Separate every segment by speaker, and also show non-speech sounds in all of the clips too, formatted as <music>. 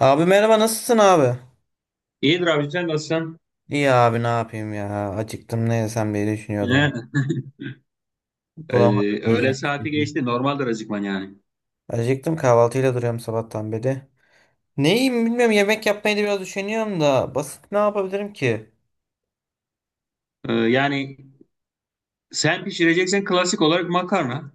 Speaker 1: Abi merhaba nasılsın abi?
Speaker 2: İyidir abi sen nasılsın?
Speaker 1: İyi abi ne yapayım ya. Acıktım ne yesem diye düşünüyordum.
Speaker 2: Yani, e,
Speaker 1: Bulamadım
Speaker 2: öğle
Speaker 1: yiyecek
Speaker 2: saati
Speaker 1: bir şey.
Speaker 2: geçti. Normaldir acıkman yani.
Speaker 1: Acıktım kahvaltıyla duruyorum sabahtan beri. Ne yiyeyim bilmiyorum yemek yapmayı da biraz düşünüyorum da basit ne yapabilirim ki?
Speaker 2: Yani sen pişireceksen klasik olarak makarna.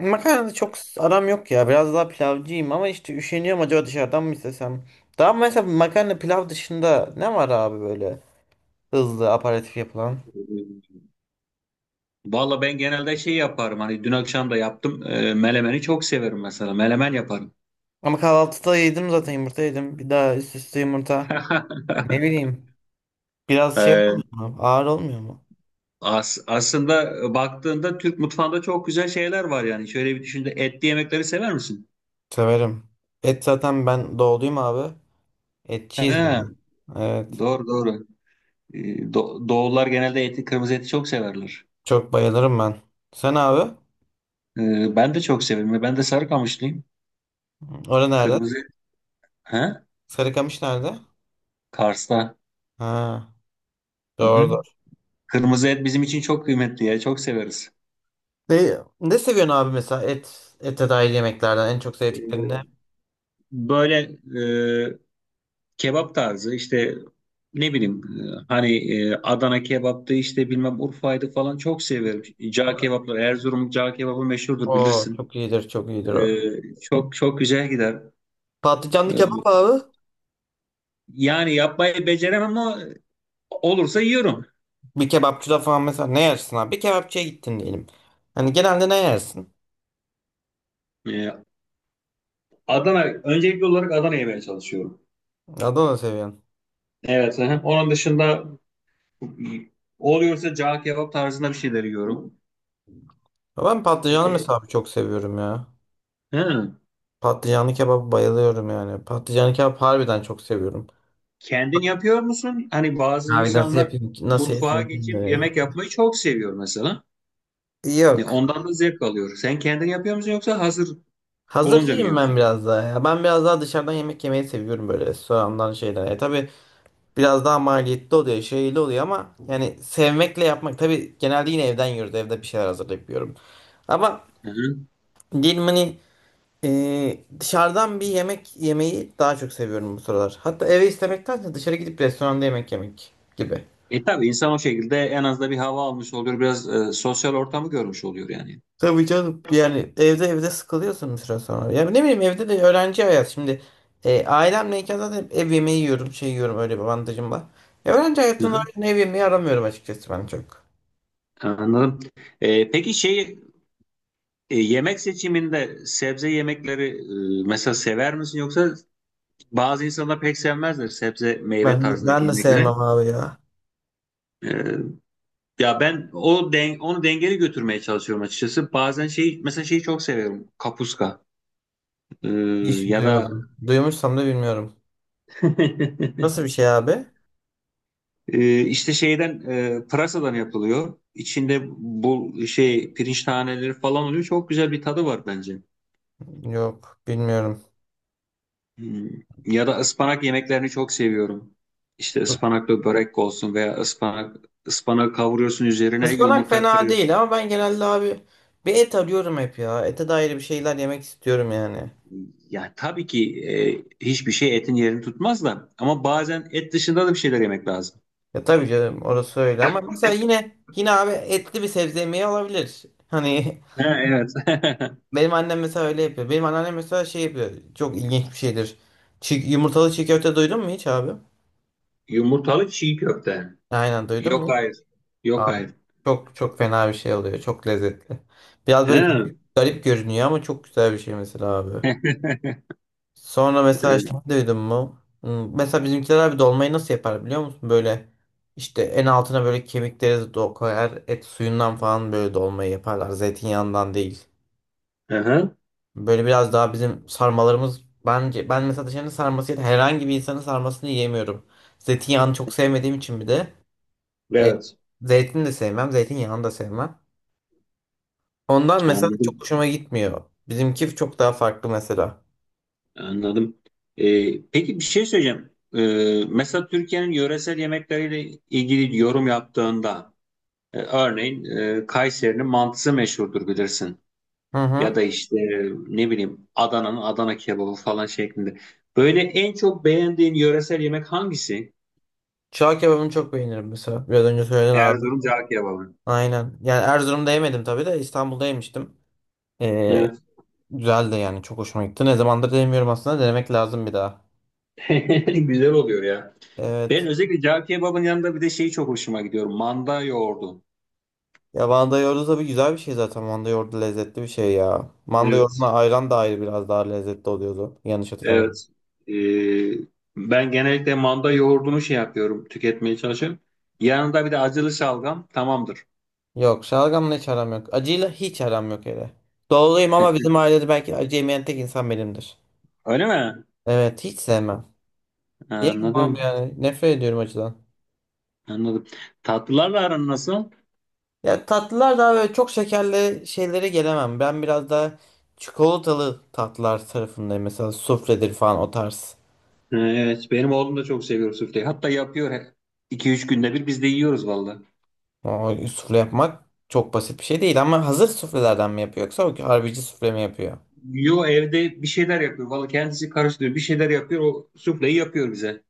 Speaker 1: Makarna da çok aram yok ya. Biraz daha pilavcıyım ama işte üşeniyorum acaba dışarıdan mı istesem? Daha mesela makarna pilav dışında ne var abi böyle hızlı aperatif yapılan?
Speaker 2: E, valla ben genelde şey yaparım. Hani dün akşam da yaptım. Melemeni çok severim mesela. Melemen yaparım.
Speaker 1: Ama kahvaltıda yedim zaten yumurta yedim. Bir daha üst üste yumurta. Ne
Speaker 2: <laughs>
Speaker 1: bileyim. Biraz şey
Speaker 2: E,
Speaker 1: olmuyor mu? Ağır olmuyor mu?
Speaker 2: aslında baktığında Türk mutfağında çok güzel şeyler var yani. Şöyle bir düşün, etli yemekleri sever misin?
Speaker 1: Severim. Et zaten ben doğduyum abi. Etçiyiz
Speaker 2: He,
Speaker 1: yani. Evet.
Speaker 2: doğru doğru. E, Doğullar genelde eti, kırmızı eti çok severler.
Speaker 1: Çok bayılırım ben. Sen abi?
Speaker 2: Ben de çok severim. Ben de Sarıkamışlıyım.
Speaker 1: Orada nerede?
Speaker 2: Kırmızı et. He?
Speaker 1: Sarıkamış nerede?
Speaker 2: Kars'ta.
Speaker 1: Ha,
Speaker 2: Hı
Speaker 1: doğru
Speaker 2: hı.
Speaker 1: doğru.
Speaker 2: Kırmızı et bizim için çok kıymetli ya. Çok severiz.
Speaker 1: Ne seviyorsun abi mesela et ete dair yemeklerden en çok
Speaker 2: Ee,
Speaker 1: sevdiklerin ne?
Speaker 2: Böyle e, kebap tarzı işte ne bileyim hani Adana kebaptı işte bilmem Urfa'ydı falan çok severim. Cağ kebapları, Erzurum cağ kebabı meşhurdur,
Speaker 1: Oo
Speaker 2: bilirsin.
Speaker 1: çok iyidir çok iyidir o.
Speaker 2: Çok çok güzel gider.
Speaker 1: Patlıcanlı kebap
Speaker 2: Ee,
Speaker 1: abi.
Speaker 2: yani yapmayı beceremem ama olursa yiyorum.
Speaker 1: Bir kebapçıda falan mesela ne yersin abi? Bir kebapçıya gittin diyelim. Hani genelde ne yersin?
Speaker 2: Ee, Adana öncelikli olarak Adana yemeye çalışıyorum.
Speaker 1: Adana seviyorsun.
Speaker 2: Evet. Hı hı. Onun dışında. Çok iyi. Oluyorsa cağ kebap tarzında bir şeyler yiyorum.
Speaker 1: Ya ben patlıcanlı
Speaker 2: Ee,
Speaker 1: mesela abi çok seviyorum ya.
Speaker 2: hı.
Speaker 1: Patlıcanlı kebaba bayılıyorum yani. Patlıcanlı kebap harbiden çok seviyorum.
Speaker 2: Kendin yapıyor musun? Hani bazı
Speaker 1: Abi
Speaker 2: insanlar
Speaker 1: nasıl
Speaker 2: mutfağa
Speaker 1: yapayım
Speaker 2: geçip
Speaker 1: şimdi?
Speaker 2: yemek yapmayı çok seviyor mesela.
Speaker 1: Yok.
Speaker 2: Ondan da zevk alıyor. Sen kendin yapıyor musun yoksa hazır bulunca mı
Speaker 1: Hazırcıyım ben
Speaker 2: yiyorsun?
Speaker 1: biraz daha ya. Ben biraz daha dışarıdan yemek yemeyi seviyorum böyle restorandan şeyden. E tabii biraz daha maliyetli oluyor, şeyli oluyor ama yani sevmekle yapmak. Tabii genelde yine evden yiyoruz. Evde bir şeyler hazırlayıp yiyorum. Ama
Speaker 2: Hı-hı.
Speaker 1: diyelim hani dışarıdan bir yemek yemeyi daha çok seviyorum bu sıralar. Hatta eve istemektense dışarı gidip restoranda yemek yemek gibi.
Speaker 2: E tabii insan o şekilde en az da bir hava almış oluyor. Biraz sosyal ortamı görmüş oluyor yani.
Speaker 1: Tabii canım yani evde sıkılıyorsun bir süre sonra. Ya ne bileyim evde de öğrenci hayat şimdi ailemleyken zaten hep ev yemeği yiyorum şey yiyorum öyle bir avantajım var. Ya öğrenci
Speaker 2: Hı-hı.
Speaker 1: hayatında öyle ev yemeği aramıyorum açıkçası ben çok.
Speaker 2: Anladım. Peki şey yemek seçiminde sebze yemekleri mesela sever misin, yoksa bazı insanlar pek sevmezler sebze
Speaker 1: Ben,
Speaker 2: meyve
Speaker 1: de
Speaker 2: tarzındaki
Speaker 1: ben de
Speaker 2: yemekleri.
Speaker 1: sevmem abi ya.
Speaker 2: Ee, Ya ben o den onu dengeli götürmeye çalışıyorum açıkçası. Bazen şey mesela şeyi çok seviyorum. Kapuska. Ee,
Speaker 1: Hiç
Speaker 2: Ya da
Speaker 1: duymadım. Duymuşsam da bilmiyorum.
Speaker 2: <laughs>
Speaker 1: Nasıl bir şey abi?
Speaker 2: İşte şeyden pırasadan yapılıyor. İçinde bu şey pirinç taneleri falan oluyor. Çok güzel bir tadı var bence.
Speaker 1: Yok bilmiyorum.
Speaker 2: Hmm. Ya da ıspanak yemeklerini çok seviyorum. İşte ıspanaklı börek olsun veya ıspanak ıspanak kavuruyorsun, üzerine
Speaker 1: Ispanak
Speaker 2: yumurta
Speaker 1: fena
Speaker 2: kırıyorsun.
Speaker 1: değil ama ben genelde abi bir et arıyorum hep ya. Ete dair bir şeyler yemek istiyorum yani.
Speaker 2: Ya tabii ki hiçbir şey etin yerini tutmaz da ama bazen et dışında da bir şeyler yemek lazım.
Speaker 1: Ya tabii canım orası öyle ama mesela yine yine abi etli bir sebze yemeği olabilir. Hani
Speaker 2: Ha, evet.
Speaker 1: <laughs> benim annem mesela öyle yapıyor. Benim anneannem mesela şey yapıyor. Çok ilginç bir şeydir. Yumurtalı çiğ köfte duydun mu hiç abi?
Speaker 2: Yumurtalı çiğ köfte.
Speaker 1: Aynen, duydun mu
Speaker 2: Yok
Speaker 1: hiç?
Speaker 2: hayır. Yok
Speaker 1: Abi
Speaker 2: hayır.
Speaker 1: çok çok fena bir şey oluyor. Çok lezzetli. Biraz böyle
Speaker 2: Ha.
Speaker 1: garip, garip görünüyor ama çok güzel bir şey mesela abi. Sonra
Speaker 2: e,
Speaker 1: mesela şey duydun mu? Mesela bizimkiler abi dolmayı nasıl yapar biliyor musun? Böyle işte en altına böyle kemikleri koyar. Et suyundan falan böyle dolmayı yaparlar. Zeytinyağından değil.
Speaker 2: aha.
Speaker 1: Böyle biraz daha bizim sarmalarımız bence ben mesela dışarının sarmasıyla herhangi bir insanın sarmasını yiyemiyorum. Zeytinyağını çok sevmediğim için bir de e,
Speaker 2: Evet.
Speaker 1: zeytin de sevmem, zeytinyağını da sevmem. Ondan mesela çok
Speaker 2: Anladım.
Speaker 1: hoşuma gitmiyor. Bizimki çok daha farklı mesela.
Speaker 2: Anladım. Peki bir şey söyleyeceğim. Mesela Türkiye'nin yöresel yemekleriyle ilgili yorum yaptığında örneğin Kayseri'nin mantısı meşhurdur, bilirsin.
Speaker 1: Hı
Speaker 2: Ya
Speaker 1: hı.
Speaker 2: da işte ne bileyim Adana'nın Adana kebabı falan şeklinde. Böyle en çok beğendiğin yöresel yemek hangisi?
Speaker 1: Çağ kebabını çok beğenirim mesela. Biraz önce söyledin abi.
Speaker 2: Erzurum cağ kebabı.
Speaker 1: Aynen. Yani Erzurum'da yemedim tabii de İstanbul'da yemiştim. Ee,
Speaker 2: Evet.
Speaker 1: Güzel de yani çok hoşuma gitti. Ne zamandır denemiyorum aslında. Denemek lazım bir daha.
Speaker 2: <laughs> Güzel oluyor ya. Ben
Speaker 1: Evet.
Speaker 2: özellikle cağ kebabın yanında bir de şey çok hoşuma gidiyor. Manda yoğurdu.
Speaker 1: Ya manda yoğurdu tabii güzel bir şey zaten. Manda yoğurdu lezzetli bir şey ya. Manda
Speaker 2: Evet.
Speaker 1: yoğurduna ayran da ayrı biraz daha lezzetli oluyordu. Yanlış hatırlamıyorum.
Speaker 2: Evet. Ee, Ben genellikle manda yoğurdunu şey yapıyorum. Tüketmeye çalışıyorum. Yanında bir de acılı şalgam tamamdır.
Speaker 1: Yok şalgamla hiç aram yok. Acıyla hiç aram yok hele. Doğuluyum ama bizim ailede belki acı yemeyen tek insan benimdir.
Speaker 2: Öyle mi?
Speaker 1: Evet hiç sevmem. Yemem
Speaker 2: Anladım.
Speaker 1: yani. Nefret ediyorum acıdan.
Speaker 2: Anladım. Tatlılarla aran nasıl?
Speaker 1: Ya tatlılar daha böyle çok şekerli şeylere gelemem. Ben biraz daha çikolatalı tatlılar tarafındayım. Mesela sufledir falan o tarz.
Speaker 2: Evet, benim oğlum da çok seviyor sufleyi. Hatta yapıyor, 2-3 günde bir biz de yiyoruz valla.
Speaker 1: O sufle yapmak çok basit bir şey değil ama hazır suflelerden mi yapıyor yoksa o harbici sufle mi yapıyor?
Speaker 2: Yo, evde bir şeyler yapıyor. Valla kendisi karıştırıyor. Bir şeyler yapıyor. O sufleyi yapıyor bize.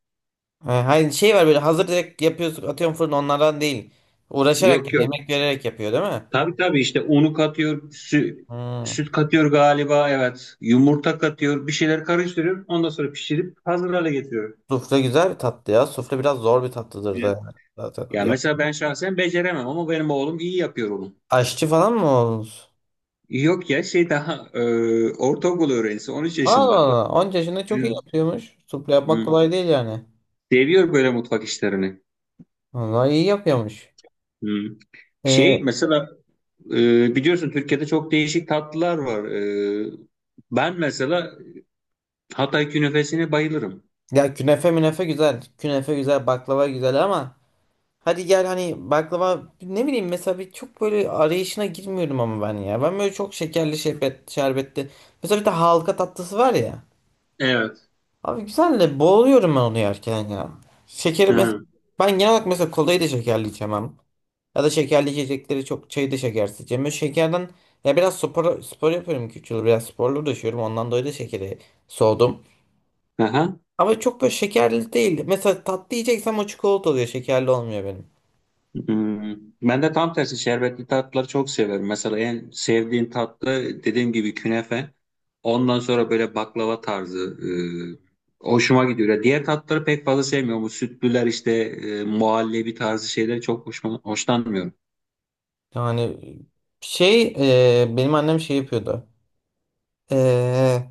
Speaker 1: Ha, hayır şey var böyle hazır direkt yapıyorsun atıyorum fırına onlardan değil. Uğraşarak
Speaker 2: Yok
Speaker 1: yani
Speaker 2: yok.
Speaker 1: emek vererek yapıyor değil mi?
Speaker 2: Tabii tabii, işte unu katıyor. Sü
Speaker 1: Hmm.
Speaker 2: süt katıyor galiba. Evet. Yumurta katıyor. Bir şeyler karıştırıyor. Ondan sonra pişirip hazır hale getiriyor.
Speaker 1: Sufle güzel bir tatlı ya. Sufle biraz zor bir tatlıdır da
Speaker 2: Evet.
Speaker 1: yani zaten.
Speaker 2: Ya
Speaker 1: Yap.
Speaker 2: mesela ben şahsen beceremem ama benim oğlum iyi yapıyor onu.
Speaker 1: Aşçı falan mı olmuş?
Speaker 2: Yok ya, şey daha ortaokul öğrencisi, 13
Speaker 1: Allah
Speaker 2: yaşında.
Speaker 1: Allah. 10 yaşında çok iyi
Speaker 2: Evet.
Speaker 1: yapıyormuş. Sufle yapmak
Speaker 2: Hı.
Speaker 1: kolay değil yani.
Speaker 2: Seviyor böyle mutfak işlerini.
Speaker 1: Vallahi iyi yapıyormuş.
Speaker 2: Hmm.
Speaker 1: Ee,
Speaker 2: Şey mesela biliyorsun Türkiye'de çok değişik tatlılar var. Ben mesela Hatay künefesine bayılırım.
Speaker 1: Ya künefe münefe güzel. Künefe güzel, baklava güzel ama hadi gel hani baklava ne bileyim mesela bir çok böyle arayışına girmiyorum ama ben ya. Ben böyle çok şekerli şerbetli. Mesela bir de halka tatlısı var ya.
Speaker 2: Evet.
Speaker 1: Abi güzel de boğuluyorum ben onu yerken ya. Şekeri
Speaker 2: Hı
Speaker 1: mesela
Speaker 2: hı.
Speaker 1: ben genel olarak mesela kolayı da şekerli içemem. Ya da şekerli içecekleri çok çayı da şekersiz içemem. Böyle şekerden ya biraz spor yapıyorum küçük yıl. Biraz sporlu düşüyorum. Ondan dolayı da şekeri soğudum.
Speaker 2: Aha.
Speaker 1: Ama çok böyle şekerli değil. Mesela tatlı yiyeceksem o çikolata oluyor. Şekerli olmuyor benim.
Speaker 2: Hmm. Ben de tam tersi şerbetli tatlıları çok severim. Mesela en sevdiğim tatlı dediğim gibi künefe. Ondan sonra böyle baklava tarzı hoşuma gidiyor. Ya diğer tatlıları pek fazla sevmiyorum. Bu sütlüler işte muhallebi tarzı şeyleri çok hoşlanmıyorum.
Speaker 1: Yani şey benim annem şey yapıyordu. E,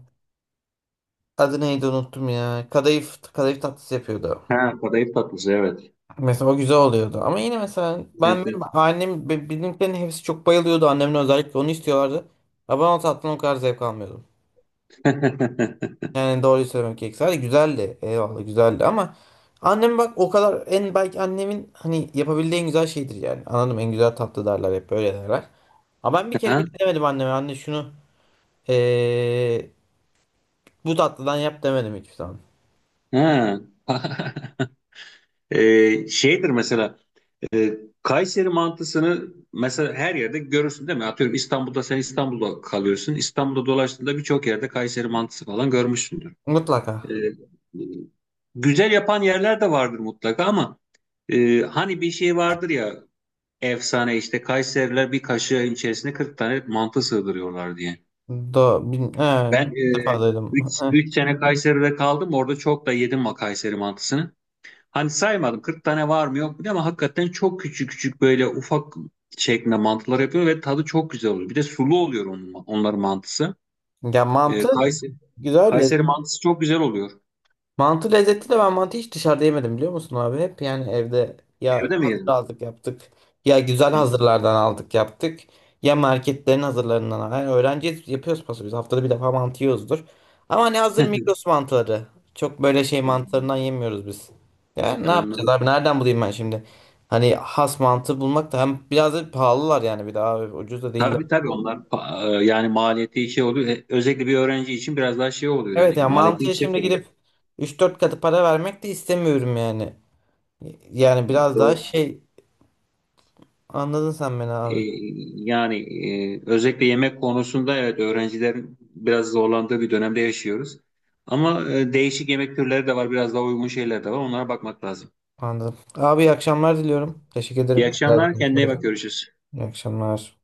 Speaker 1: Adı neydi unuttum ya. Kadayıf tatlısı yapıyordu.
Speaker 2: Ha, kadayıf tatlısı, evet.
Speaker 1: Mesela o güzel oluyordu. Ama yine mesela
Speaker 2: Evet,
Speaker 1: benimkilerin hepsi çok bayılıyordu. Annemle özellikle onu istiyorlardı. Ama ben o tatlıdan o kadar zevk almıyordum.
Speaker 2: evet. <laughs>
Speaker 1: Yani doğruyu söylemek gerekirse hadi güzeldi. Eyvallah güzeldi ama annem bak o kadar en belki annemin hani yapabildiği en güzel şeydir yani. Anladım en güzel tatlı derler hep böyle derler. Ama ben bir kere
Speaker 2: Ha?
Speaker 1: bile demedim anneme anne şunu eee, bu tatlıdan yap demedim hiçbir zaman.
Speaker 2: Ha. <laughs> Şeydir mesela e, Kayseri mantısını mesela her yerde görürsün değil mi? Atıyorum, İstanbul'da sen, İstanbul'da kalıyorsun. İstanbul'da dolaştığında birçok yerde Kayseri mantısı falan görmüşsündür. Ee,
Speaker 1: Mutlaka.
Speaker 2: güzel yapan yerler de vardır mutlaka ama hani bir şey vardır ya, efsane işte Kayseriler bir kaşığın içerisine 40 tane mantı sığdırıyorlar diye.
Speaker 1: He,
Speaker 2: Ben
Speaker 1: ilk defa
Speaker 2: e,
Speaker 1: duydum. <laughs> He.
Speaker 2: 3 sene Kayseri'de kaldım. Orada çok da yedim o Kayseri mantısını. Hani saymadım 40 tane var mı yok mu diye ama hakikaten çok küçük küçük böyle ufak şeklinde mantılar yapıyor ve tadı çok güzel oluyor. Bir de sulu oluyor onların mantısı.
Speaker 1: Ya mantı
Speaker 2: Ee, Kayseri,
Speaker 1: güzel.
Speaker 2: Kayseri mantısı çok güzel oluyor.
Speaker 1: Mantı lezzetli de ben mantı hiç dışarıda yemedim biliyor musun abi? Hep yani evde ya
Speaker 2: Öyle mi
Speaker 1: hazır
Speaker 2: yedin?
Speaker 1: aldık yaptık. Ya güzel
Speaker 2: Hı.
Speaker 1: hazırlardan aldık yaptık. Ya marketlerin hazırlarından. Yani öğrenciyiz yapıyoruz paso biz. Haftada bir defa mantı yiyoruzdur. Ama hani hazır Migros mantıları. Çok böyle şey mantılarından yemiyoruz biz. Ya
Speaker 2: <laughs>
Speaker 1: ne yapacağız
Speaker 2: Anladım.
Speaker 1: abi nereden bulayım ben şimdi? Hani has mantı bulmak da hem biraz da pahalılar yani bir daha abi, ucuz da değiller.
Speaker 2: Tabii tabii, onlar yani maliyeti şey oluyor. Özellikle bir öğrenci için biraz daha şey oluyor,
Speaker 1: Evet
Speaker 2: yani
Speaker 1: ya
Speaker 2: maliyeti
Speaker 1: mantıya
Speaker 2: yüksek
Speaker 1: şimdi
Speaker 2: oluyor.
Speaker 1: gidip 3-4 katı para vermek de istemiyorum yani. Yani biraz daha
Speaker 2: Doğru.
Speaker 1: şey. Anladın sen beni
Speaker 2: E,
Speaker 1: abi.
Speaker 2: Yani özellikle yemek konusunda evet öğrencilerin biraz zorlandığı bir dönemde yaşıyoruz. Ama değişik yemek türleri de var, biraz daha uygun şeyler de var. Onlara bakmak lazım.
Speaker 1: Anladım. Abi iyi akşamlar diliyorum. Teşekkür
Speaker 2: İyi
Speaker 1: ederim. Güzel bir
Speaker 2: akşamlar, kendine iyi bak,
Speaker 1: konuşmaydı.
Speaker 2: görüşürüz.
Speaker 1: İyi akşamlar.